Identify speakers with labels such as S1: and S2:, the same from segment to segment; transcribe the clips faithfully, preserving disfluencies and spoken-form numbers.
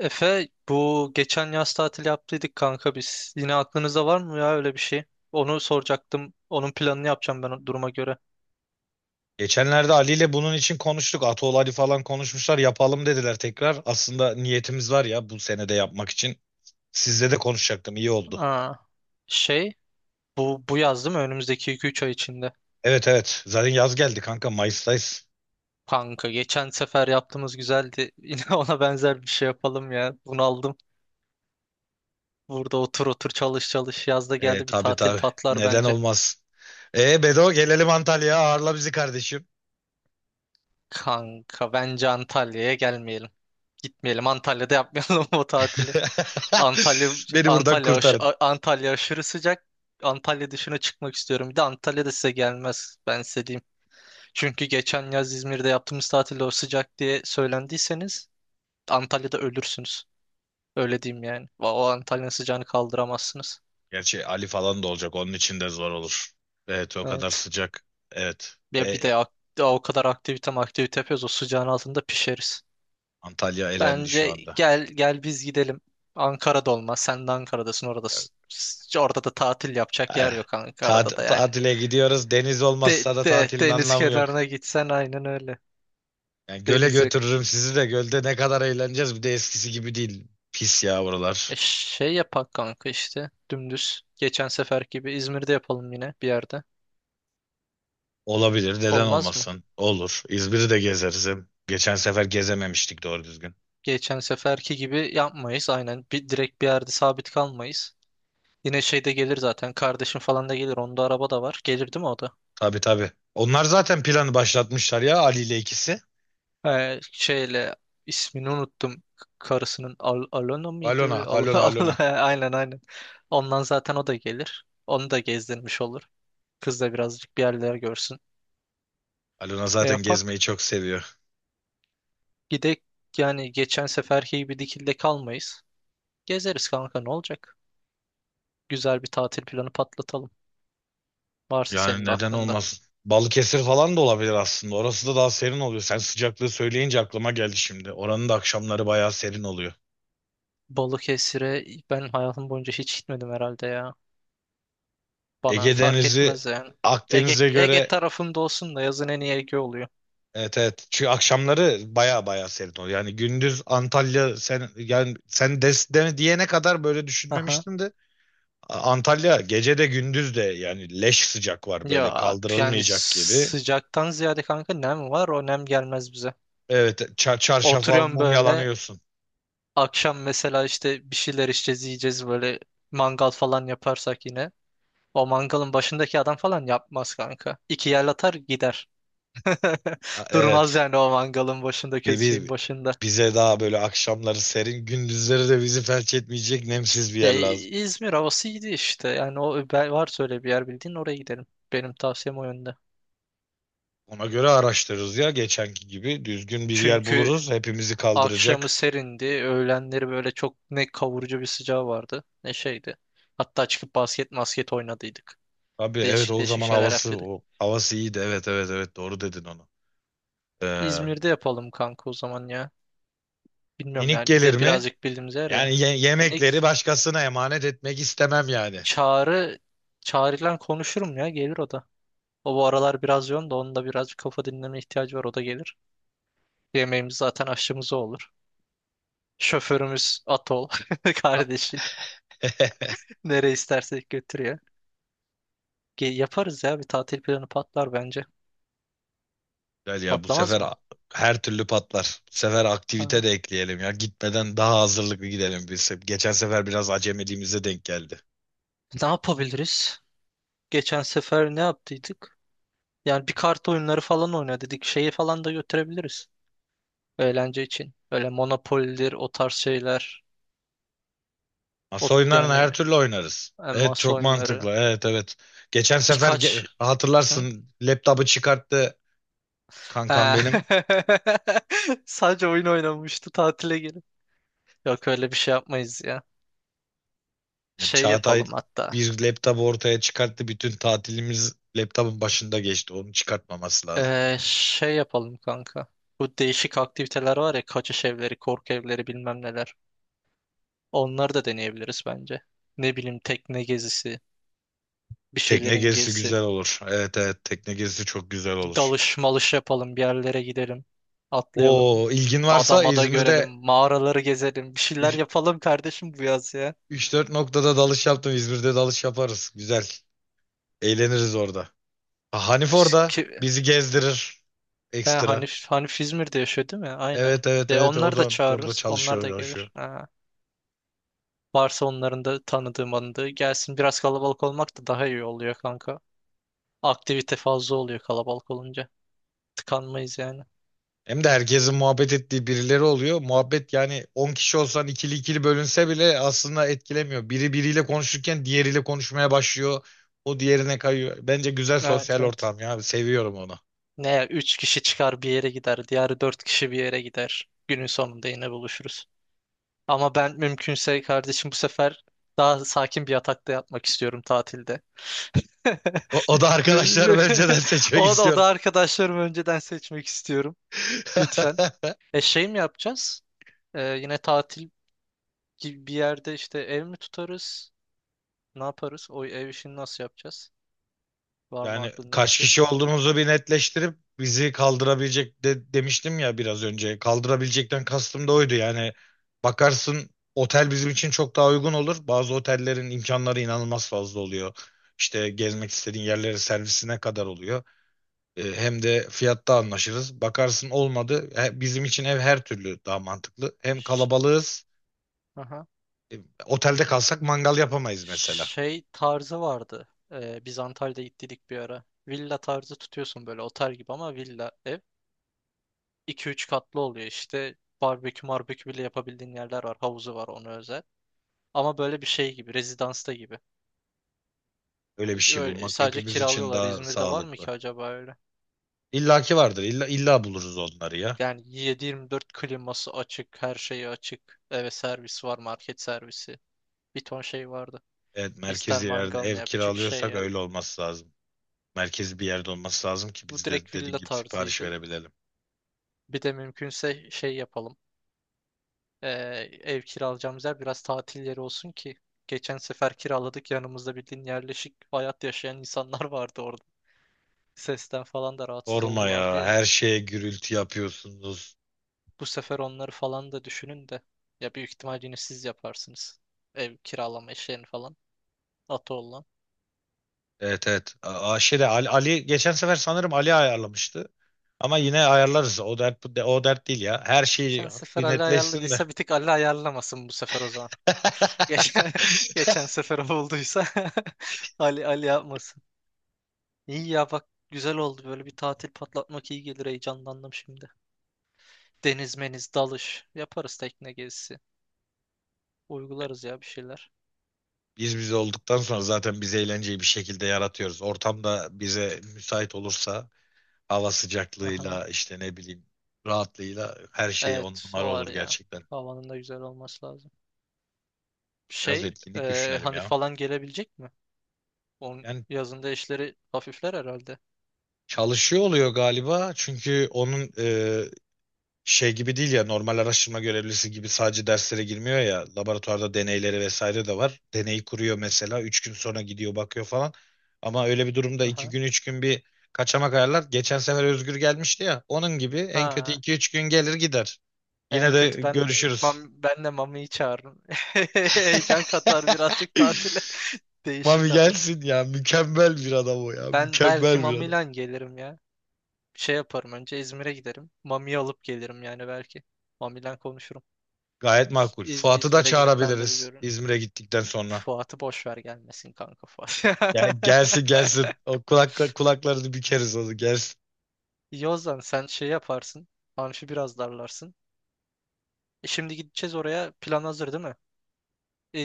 S1: Efe bu geçen yaz tatil yaptıydık kanka biz. Yine aklınızda var mı ya öyle bir şey? Onu soracaktım. Onun planını yapacağım ben o duruma göre.
S2: Geçenlerde Ali ile bunun için konuştuk. Atol Ali falan konuşmuşlar. Yapalım dediler tekrar. Aslında niyetimiz var ya bu senede yapmak için. Sizle de konuşacaktım. İyi oldu.
S1: Aa, şey bu bu yaz değil mi? Önümüzdeki iki üç ay içinde.
S2: Evet evet. Zaten yaz geldi kanka. Mayıs'tayız.
S1: Kanka geçen sefer yaptığımız güzeldi. Yine ona benzer bir şey yapalım ya. Bunaldım. Burada otur otur çalış çalış. Yaz da
S2: E,
S1: geldi bir
S2: tabii
S1: tatil
S2: tabii.
S1: patlar
S2: Neden
S1: bence.
S2: olmaz. E Bedo, gelelim Antalya'ya. Ağırla bizi kardeşim.
S1: Kanka bence Antalya'ya gelmeyelim. Gitmeyelim Antalya'da yapmayalım o tatili. Antalya
S2: Beni buradan
S1: Antalya aş-
S2: kurtarın.
S1: A- Antalya aşırı sıcak. Antalya dışına çıkmak istiyorum. Bir de Antalya da size gelmez. Ben size diyeyim. Çünkü geçen yaz İzmir'de yaptığımız tatilde o sıcak diye söylendiyseniz Antalya'da ölürsünüz. Öyle diyeyim yani. O o Antalya'nın sıcağını kaldıramazsınız.
S2: Gerçi Ali falan da olacak. Onun için de zor olur. Evet o kadar
S1: Evet.
S2: sıcak. Evet.
S1: Ya bir
S2: Ve
S1: de ak- daha o kadar aktivite aktivite yapıyoruz. O sıcağın altında pişeriz.
S2: Antalya elendi şu
S1: Bence
S2: anda.
S1: gel gel biz gidelim. Ankara'da olmaz. Sen de Ankara'dasın
S2: Evet.
S1: oradasın. S- Orada da tatil yapacak
S2: Ay,
S1: yer yok
S2: tat-
S1: Ankara'da da yani.
S2: Tatile gidiyoruz. Deniz
S1: De,
S2: olmazsa da
S1: de,
S2: tatilin
S1: deniz
S2: anlamı yok.
S1: kenarına gitsen aynen öyle.
S2: Yani göle
S1: Deniz yok.
S2: götürürüm sizi de gölde ne kadar eğleneceğiz. Bir de eskisi gibi değil. Pis ya
S1: E
S2: buralar.
S1: şey yapak kanka işte dümdüz. Geçen sefer gibi İzmir'de yapalım yine bir yerde.
S2: Olabilir. Neden
S1: Olmaz mı?
S2: olmasın? Olur. İzmir'i de gezeriz. Hem geçen sefer gezememiştik doğru düzgün.
S1: Geçen seferki gibi yapmayız aynen. Bir, direkt bir yerde sabit kalmayız. Yine şeyde gelir zaten. Kardeşim falan da gelir. Onda araba da var. Gelir değil mi o da?
S2: Tabii tabii. Onlar zaten planı başlatmışlar ya Ali ile ikisi.
S1: Ee, şeyle ismini unuttum. Karısının Al Alona
S2: Alona,
S1: mıydı? Al
S2: Alona,
S1: Al-
S2: Alona.
S1: aynen aynen. Ondan zaten o da gelir. Onu da gezdirmiş olur. Kız da birazcık bir yerler görsün.
S2: Alona
S1: E
S2: zaten
S1: yapak.
S2: gezmeyi çok seviyor.
S1: Gidek yani geçen seferki gibi dikilde kalmayız. Gezeriz kanka ne olacak? Güzel bir tatil planı patlatalım. Varsa
S2: Yani
S1: senin de
S2: neden
S1: aklında.
S2: olmasın? Balıkesir falan da olabilir aslında. Orası da daha serin oluyor. Sen sıcaklığı söyleyince aklıma geldi şimdi. Oranın da akşamları bayağı serin oluyor.
S1: Balıkesir'e ben hayatım boyunca hiç gitmedim herhalde ya. Bana
S2: Ege
S1: fark
S2: Denizi,
S1: etmez yani. Ege,
S2: Akdeniz'e
S1: Ege
S2: göre,
S1: tarafımda olsun da yazın en iyi Ege oluyor.
S2: evet evet. Çünkü akşamları bayağı bayağı serin oluyor. Yani gündüz Antalya, sen yani sen des, de- diyene kadar böyle
S1: Aha.
S2: düşünmemiştim de A- Antalya gece de gündüz de yani leş sıcak var, böyle
S1: Ya yani
S2: kaldırılmayacak gibi.
S1: sıcaktan ziyade kanka nem var o nem gelmez bize.
S2: Evet, ça- çarşafa
S1: Oturuyorum
S2: mum
S1: böyle
S2: yalanıyorsun.
S1: akşam mesela işte bir şeyler içeceğiz yiyeceğiz böyle mangal falan yaparsak yine. O mangalın başındaki adam falan yapmaz kanka. İki yer atar gider.
S2: A-
S1: Durmaz
S2: Evet.
S1: yani o mangalın
S2: Bi-
S1: başındaki şeyin
S2: bi-
S1: başında.
S2: Bize daha böyle akşamları serin, gündüzleri de bizi felç etmeyecek nemsiz bir
S1: Ya,
S2: yer
S1: İ-
S2: lazım.
S1: İzmir havası iyiydi işte. Yani o ben- var söyle bir yer bildiğin oraya gidelim. Benim tavsiyem o yönde.
S2: Ona göre araştırırız ya geçenki gibi. Düzgün bir yer
S1: Çünkü
S2: buluruz. Hepimizi
S1: akşamı
S2: kaldıracak.
S1: serindi. Öğlenleri böyle çok ne kavurucu bir sıcağı vardı ne şeydi. Hatta çıkıp basket masket oynadıydık.
S2: Abi evet,
S1: Değişik
S2: o
S1: değişik
S2: zaman
S1: şeyler
S2: havası,
S1: yaptıydık.
S2: o havası iyiydi. Evet evet evet, doğru dedin onu. Ee,
S1: İzmir'de yapalım kanka o zaman ya. Bilmiyorum
S2: Minik
S1: yani. Bir
S2: gelir
S1: de
S2: mi?
S1: birazcık bildiğimiz yer ya.
S2: Yani ye- yemekleri
S1: Minik.
S2: başkasına emanet etmek istemem yani.
S1: Çağrı Çağrı'yla konuşurum ya gelir o da. O bu aralar biraz yoğun da onun da birazcık kafa dinleme ihtiyacı var o da gelir. Yemeğimiz zaten aşçımız o olur. Şoförümüz Atol
S2: A-
S1: kardeşin nereye istersek götürüyor. Ge- Yaparız ya bir tatil planı patlar bence.
S2: Güzel ya, bu
S1: Patlamaz
S2: sefer
S1: mı?
S2: a- her türlü patlar. Bu sefer aktivite
S1: Ha.
S2: de ekleyelim ya. Gitmeden daha hazırlıklı gidelim biz. Geçen sefer biraz acemiliğimize denk geldi.
S1: Ne yapabiliriz? Geçen sefer ne yaptıydık? Yani bir kart oyunları falan oyna dedik. Şeyi falan da götürebiliriz. Eğlence için. Öyle Monopoly'dir o tarz şeyler. O,
S2: Masa oyunlarını
S1: yani
S2: her türlü oynarız.
S1: e,
S2: Evet,
S1: masa
S2: çok
S1: oyunları
S2: mantıklı. Evet evet. Geçen sefer ge-
S1: birkaç. Hı?
S2: hatırlarsın, laptopu çıkarttı kankam
S1: Ha.
S2: benim.
S1: Sadece oyun oynamıştı tatile gelip. Yok öyle bir şey yapmayız ya.
S2: Yani
S1: Şey
S2: Çağatay
S1: yapalım hatta.
S2: bir laptopu ortaya çıkarttı. Bütün tatilimiz laptopun başında geçti. Onu çıkartmaması lazım.
S1: Ee, şey yapalım kanka. Bu değişik aktiviteler var ya kaçış evleri, korku evleri bilmem neler. Onları da deneyebiliriz bence. Ne bileyim tekne gezisi, bir
S2: Tekne
S1: şeylerin
S2: gezisi
S1: gezisi.
S2: güzel olur. Evet evet, tekne gezisi çok güzel
S1: Bir
S2: olur.
S1: dalış malış yapalım, bir yerlere gidelim. Atlayalım.
S2: O ilgin varsa,
S1: Adamada görelim,
S2: İzmir'de
S1: mağaraları gezelim. Bir şeyler yapalım kardeşim bu yaz ya.
S2: üç dört noktada dalış yaptım. İzmir'de dalış yaparız. Güzel. Eğleniriz orada. Ha, Hanif orada bizi gezdirir
S1: He,
S2: ekstra.
S1: Hanif, Hanif İzmir'de yaşıyor değil mi? Aynen.
S2: Evet evet
S1: E,
S2: evet, o
S1: onları da
S2: da orada
S1: çağırırız. Onlar da
S2: çalışıyor, yaşıyor.
S1: gelir. Ha. Varsa onların da tanıdığım anıdığı gelsin. Biraz kalabalık olmak da daha iyi oluyor kanka. Aktivite fazla oluyor kalabalık olunca. Tıkanmayız yani.
S2: Hem de herkesin muhabbet ettiği birileri oluyor. Muhabbet yani on kişi olsan, ikili ikili bölünse bile aslında etkilemiyor. Biri biriyle konuşurken diğeriyle konuşmaya başlıyor. O diğerine kayıyor. Bence güzel
S1: Evet,
S2: sosyal
S1: evet.
S2: ortam ya. Seviyorum onu.
S1: Ne ya, üç kişi çıkar bir yere gider. Diğer dört kişi bir yere gider. Günün sonunda yine buluşuruz. Ama ben mümkünse kardeşim bu sefer daha sakin bir yatakta yatmak istiyorum tatilde.
S2: O, o da arkadaşlar önceden seçmek
S1: O da, o
S2: istiyorum.
S1: da arkadaşlarımı önceden seçmek istiyorum. Lütfen. E şey mi yapacağız? E, yine tatil gibi bir yerde işte ev mi tutarız? Ne yaparız? O ev işini nasıl yapacağız? Var mı
S2: Yani
S1: aklında bir
S2: kaç
S1: şey?
S2: kişi olduğumuzu bir netleştirip bizi kaldırabilecek de, demiştim ya biraz önce. Kaldırabilecekten kastım da
S1: Hı hı.
S2: oydu. Yani bakarsın otel bizim için çok daha uygun olur. Bazı otellerin imkanları inanılmaz fazla oluyor. İşte gezmek istediğin yerlere servisine kadar oluyor. Ee, hem de fiyatta anlaşırız. Bakarsın olmadı. He- Bizim için ev her türlü daha mantıklı. Hem
S1: Ş-
S2: kalabalığız.
S1: Aha.
S2: Otelde kalsak mangal yapamayız mesela.
S1: Şey tarzı vardı. E, biz Antalya'da gittik bir ara. Villa tarzı tutuyorsun böyle otel gibi ama villa ev. iki üç katlı oluyor işte. Barbekü marbekü bile yapabildiğin yerler var. Havuzu var ona özel. Ama böyle bir şey gibi. Rezidansta gibi.
S2: Öyle bir
S1: Hiç
S2: şey
S1: öyle
S2: bulmak
S1: sadece
S2: hepimiz için
S1: kiralıyorlar.
S2: daha
S1: İzmir'de var mı
S2: sağlıklı.
S1: ki acaba öyle?
S2: İllaki vardır. İlla, illa buluruz onları ya.
S1: Yani yedi dört kliması açık, her şeyi açık. Eve servis var, market servisi. Bir ton şey vardı.
S2: Evet,
S1: İster
S2: merkezi yerde
S1: mangal
S2: ev
S1: yap, çık şey
S2: kiralıyorsak
S1: yap.
S2: öyle olması lazım. Merkezi bir yerde olması lazım ki
S1: Bu
S2: biz de
S1: direkt
S2: dediğin
S1: villa
S2: gibi sipariş
S1: tarzıydı.
S2: verebilelim.
S1: Bir de mümkünse şey yapalım. Ee, Ev kiralayacağımız yer biraz tatil yeri olsun ki. Geçen sefer kiraladık yanımızda bildiğin yerleşik hayat yaşayan insanlar vardı orada. Sesten falan da rahatsız
S2: Sorma
S1: oldulardı
S2: ya,
S1: ya.
S2: her şeye gürültü yapıyorsunuz.
S1: Bu sefer onları falan da düşünün de. Ya büyük ihtimal yine siz yaparsınız. Ev kiralama işlerini falan. Atı olan.
S2: Evet evet. A- a- şeyde Ali, Ali geçen sefer sanırım Ali ayarlamıştı. Ama yine ayarlarız. O dert, bu de- o dert değil ya. Her şey
S1: Geçen sefer
S2: bir
S1: Ali
S2: netleşsin de.
S1: ayarladıysa bir tık Ali ayarlamasın bu sefer o zaman. Geçen, geçen sefer o olduysa Ali Ali yapmasın. İyi ya bak güzel oldu böyle bir tatil patlatmak iyi gelir heyecanlandım şimdi. Deniz meniz dalış yaparız tekne gezisi. Uygularız ya bir şeyler.
S2: Biz biz olduktan sonra zaten biz eğlenceyi bir şekilde yaratıyoruz. Ortam da bize müsait olursa, hava
S1: Aha.
S2: sıcaklığıyla işte ne bileyim, rahatlığıyla her şey on
S1: Evet
S2: numara
S1: o var
S2: olur
S1: ya.
S2: gerçekten.
S1: Havanın da güzel olması lazım.
S2: Biraz
S1: Şey
S2: etkinlik
S1: e,
S2: düşünelim
S1: hani
S2: ya.
S1: falan gelebilecek mi? Onun
S2: Yani
S1: yazında işleri hafifler herhalde.
S2: çalışıyor oluyor galiba, çünkü onun e, şey gibi değil ya, normal araştırma görevlisi gibi sadece derslere girmiyor ya, laboratuvarda deneyleri vesaire de var. Deneyi kuruyor mesela, üç gün sonra gidiyor bakıyor falan. Ama öyle bir durumda iki
S1: Aha.
S2: gün üç gün bir kaçamak ayarlar. Geçen sefer Özgür gelmişti ya, onun gibi en kötü
S1: Ha.
S2: iki üç gün gelir gider.
S1: En
S2: Yine de
S1: kötü ben
S2: görüşürüz.
S1: mam, ben de Mami'yi çağırırım. Heyecan katar birazcık tatile.
S2: Mami
S1: Değişik adam.
S2: gelsin ya. Mükemmel bir adam o ya.
S1: Ben belki
S2: Mükemmel bir adam.
S1: Mami'yle gelirim ya. Şey yaparım önce İzmir'e giderim. Mami'yi alıp gelirim yani belki. Mami'yle konuşurum.
S2: Gayet makul.
S1: İz,
S2: Fuat'ı da
S1: İzmir'e gidip ben de bir
S2: çağırabiliriz
S1: görürüm.
S2: İzmir'e gittikten sonra.
S1: Fuat'ı boş ver gelmesin kanka Fuat.
S2: Ya gelsin gelsin. O kulakla, kulaklarını bükeriz, onu gelsin.
S1: İyi o zaman sen şey yaparsın. Amfi biraz darlarsın. E şimdi gideceğiz oraya. Plan hazır değil mi?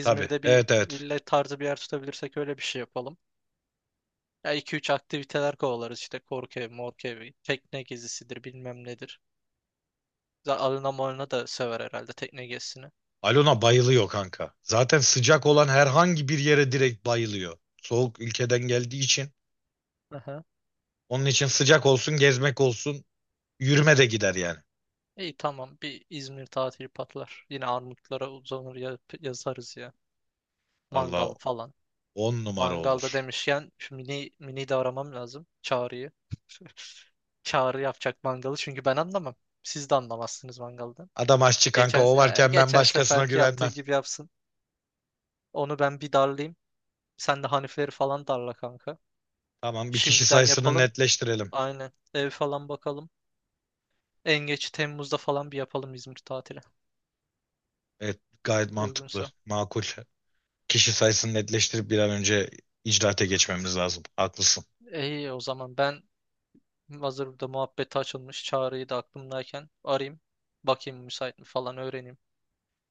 S2: Tabii.
S1: bir
S2: Evet evet.
S1: villa tarzı bir yer tutabilirsek öyle bir şey yapalım. Ya iki üç aktiviteler kovalarız işte korku evi, morku evi, tekne gezisidir bilmem nedir. Za- Alına malına da sever herhalde tekne gezisini.
S2: Alona bayılıyor kanka. Zaten sıcak olan herhangi bir yere direkt bayılıyor. Soğuk ülkeden geldiği için.
S1: Aha.
S2: Onun için sıcak olsun, gezmek olsun, yürüme de gider yani.
S1: İyi tamam bir İzmir tatili patlar. Yine Armutlara uzanır ya- yazarız ya.
S2: Allah
S1: Mangal falan.
S2: on numara
S1: Mangalda
S2: olur.
S1: demişken şu mini, mini de aramam lazım. Çağrı'yı. Çağrı yapacak mangalı çünkü ben anlamam. Siz de anlamazsınız mangaldan.
S2: Adam aşçı kanka,
S1: Geçen,
S2: o
S1: e,
S2: varken ben
S1: geçen
S2: başkasına
S1: seferki yaptığı
S2: güvenmem.
S1: gibi yapsın. Onu ben bir darlayayım. Sen de Hanifleri falan darla kanka.
S2: Tamam, bir kişi
S1: Şimdiden
S2: sayısını
S1: yapalım.
S2: netleştirelim.
S1: Aynen. Ev falan bakalım. En geç Temmuz'da falan bir yapalım İzmir tatili.
S2: Evet, gayet mantıklı,
S1: Uygunsa.
S2: makul. Kişi sayısını netleştirip bir an önce icraate geçmemiz lazım. Haklısın.
S1: İyi o zaman ben hazır burada muhabbeti açılmış. Çağrı'yı da aklımdayken arayayım. Bakayım müsait mi falan öğreneyim.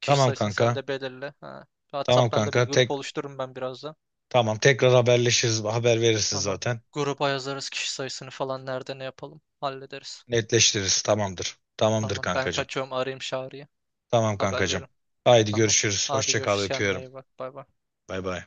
S1: Kişi
S2: Tamam
S1: sayısını sen
S2: kanka.
S1: de belirle. Ha.
S2: Tamam
S1: WhatsApp'tan da bir
S2: kanka.
S1: grup
S2: Tek
S1: oluştururum ben birazdan.
S2: tamam, tekrar haberleşiriz. Haber verirsin
S1: Tamam.
S2: zaten.
S1: Gruba yazarız kişi sayısını falan nerede ne yapalım. Hallederiz.
S2: Netleştiririz. Tamamdır. Tamamdır
S1: Tamam ben
S2: kankacığım.
S1: kaçıyorum arayayım Çağrı'yı.
S2: Tamam
S1: Haber
S2: kankacığım.
S1: veririm.
S2: Haydi
S1: Tamam.
S2: görüşürüz.
S1: Hadi
S2: Hoşça kal,
S1: görüşürüz kendine
S2: öpüyorum.
S1: iyi bak. Bay bay.
S2: Bay bay.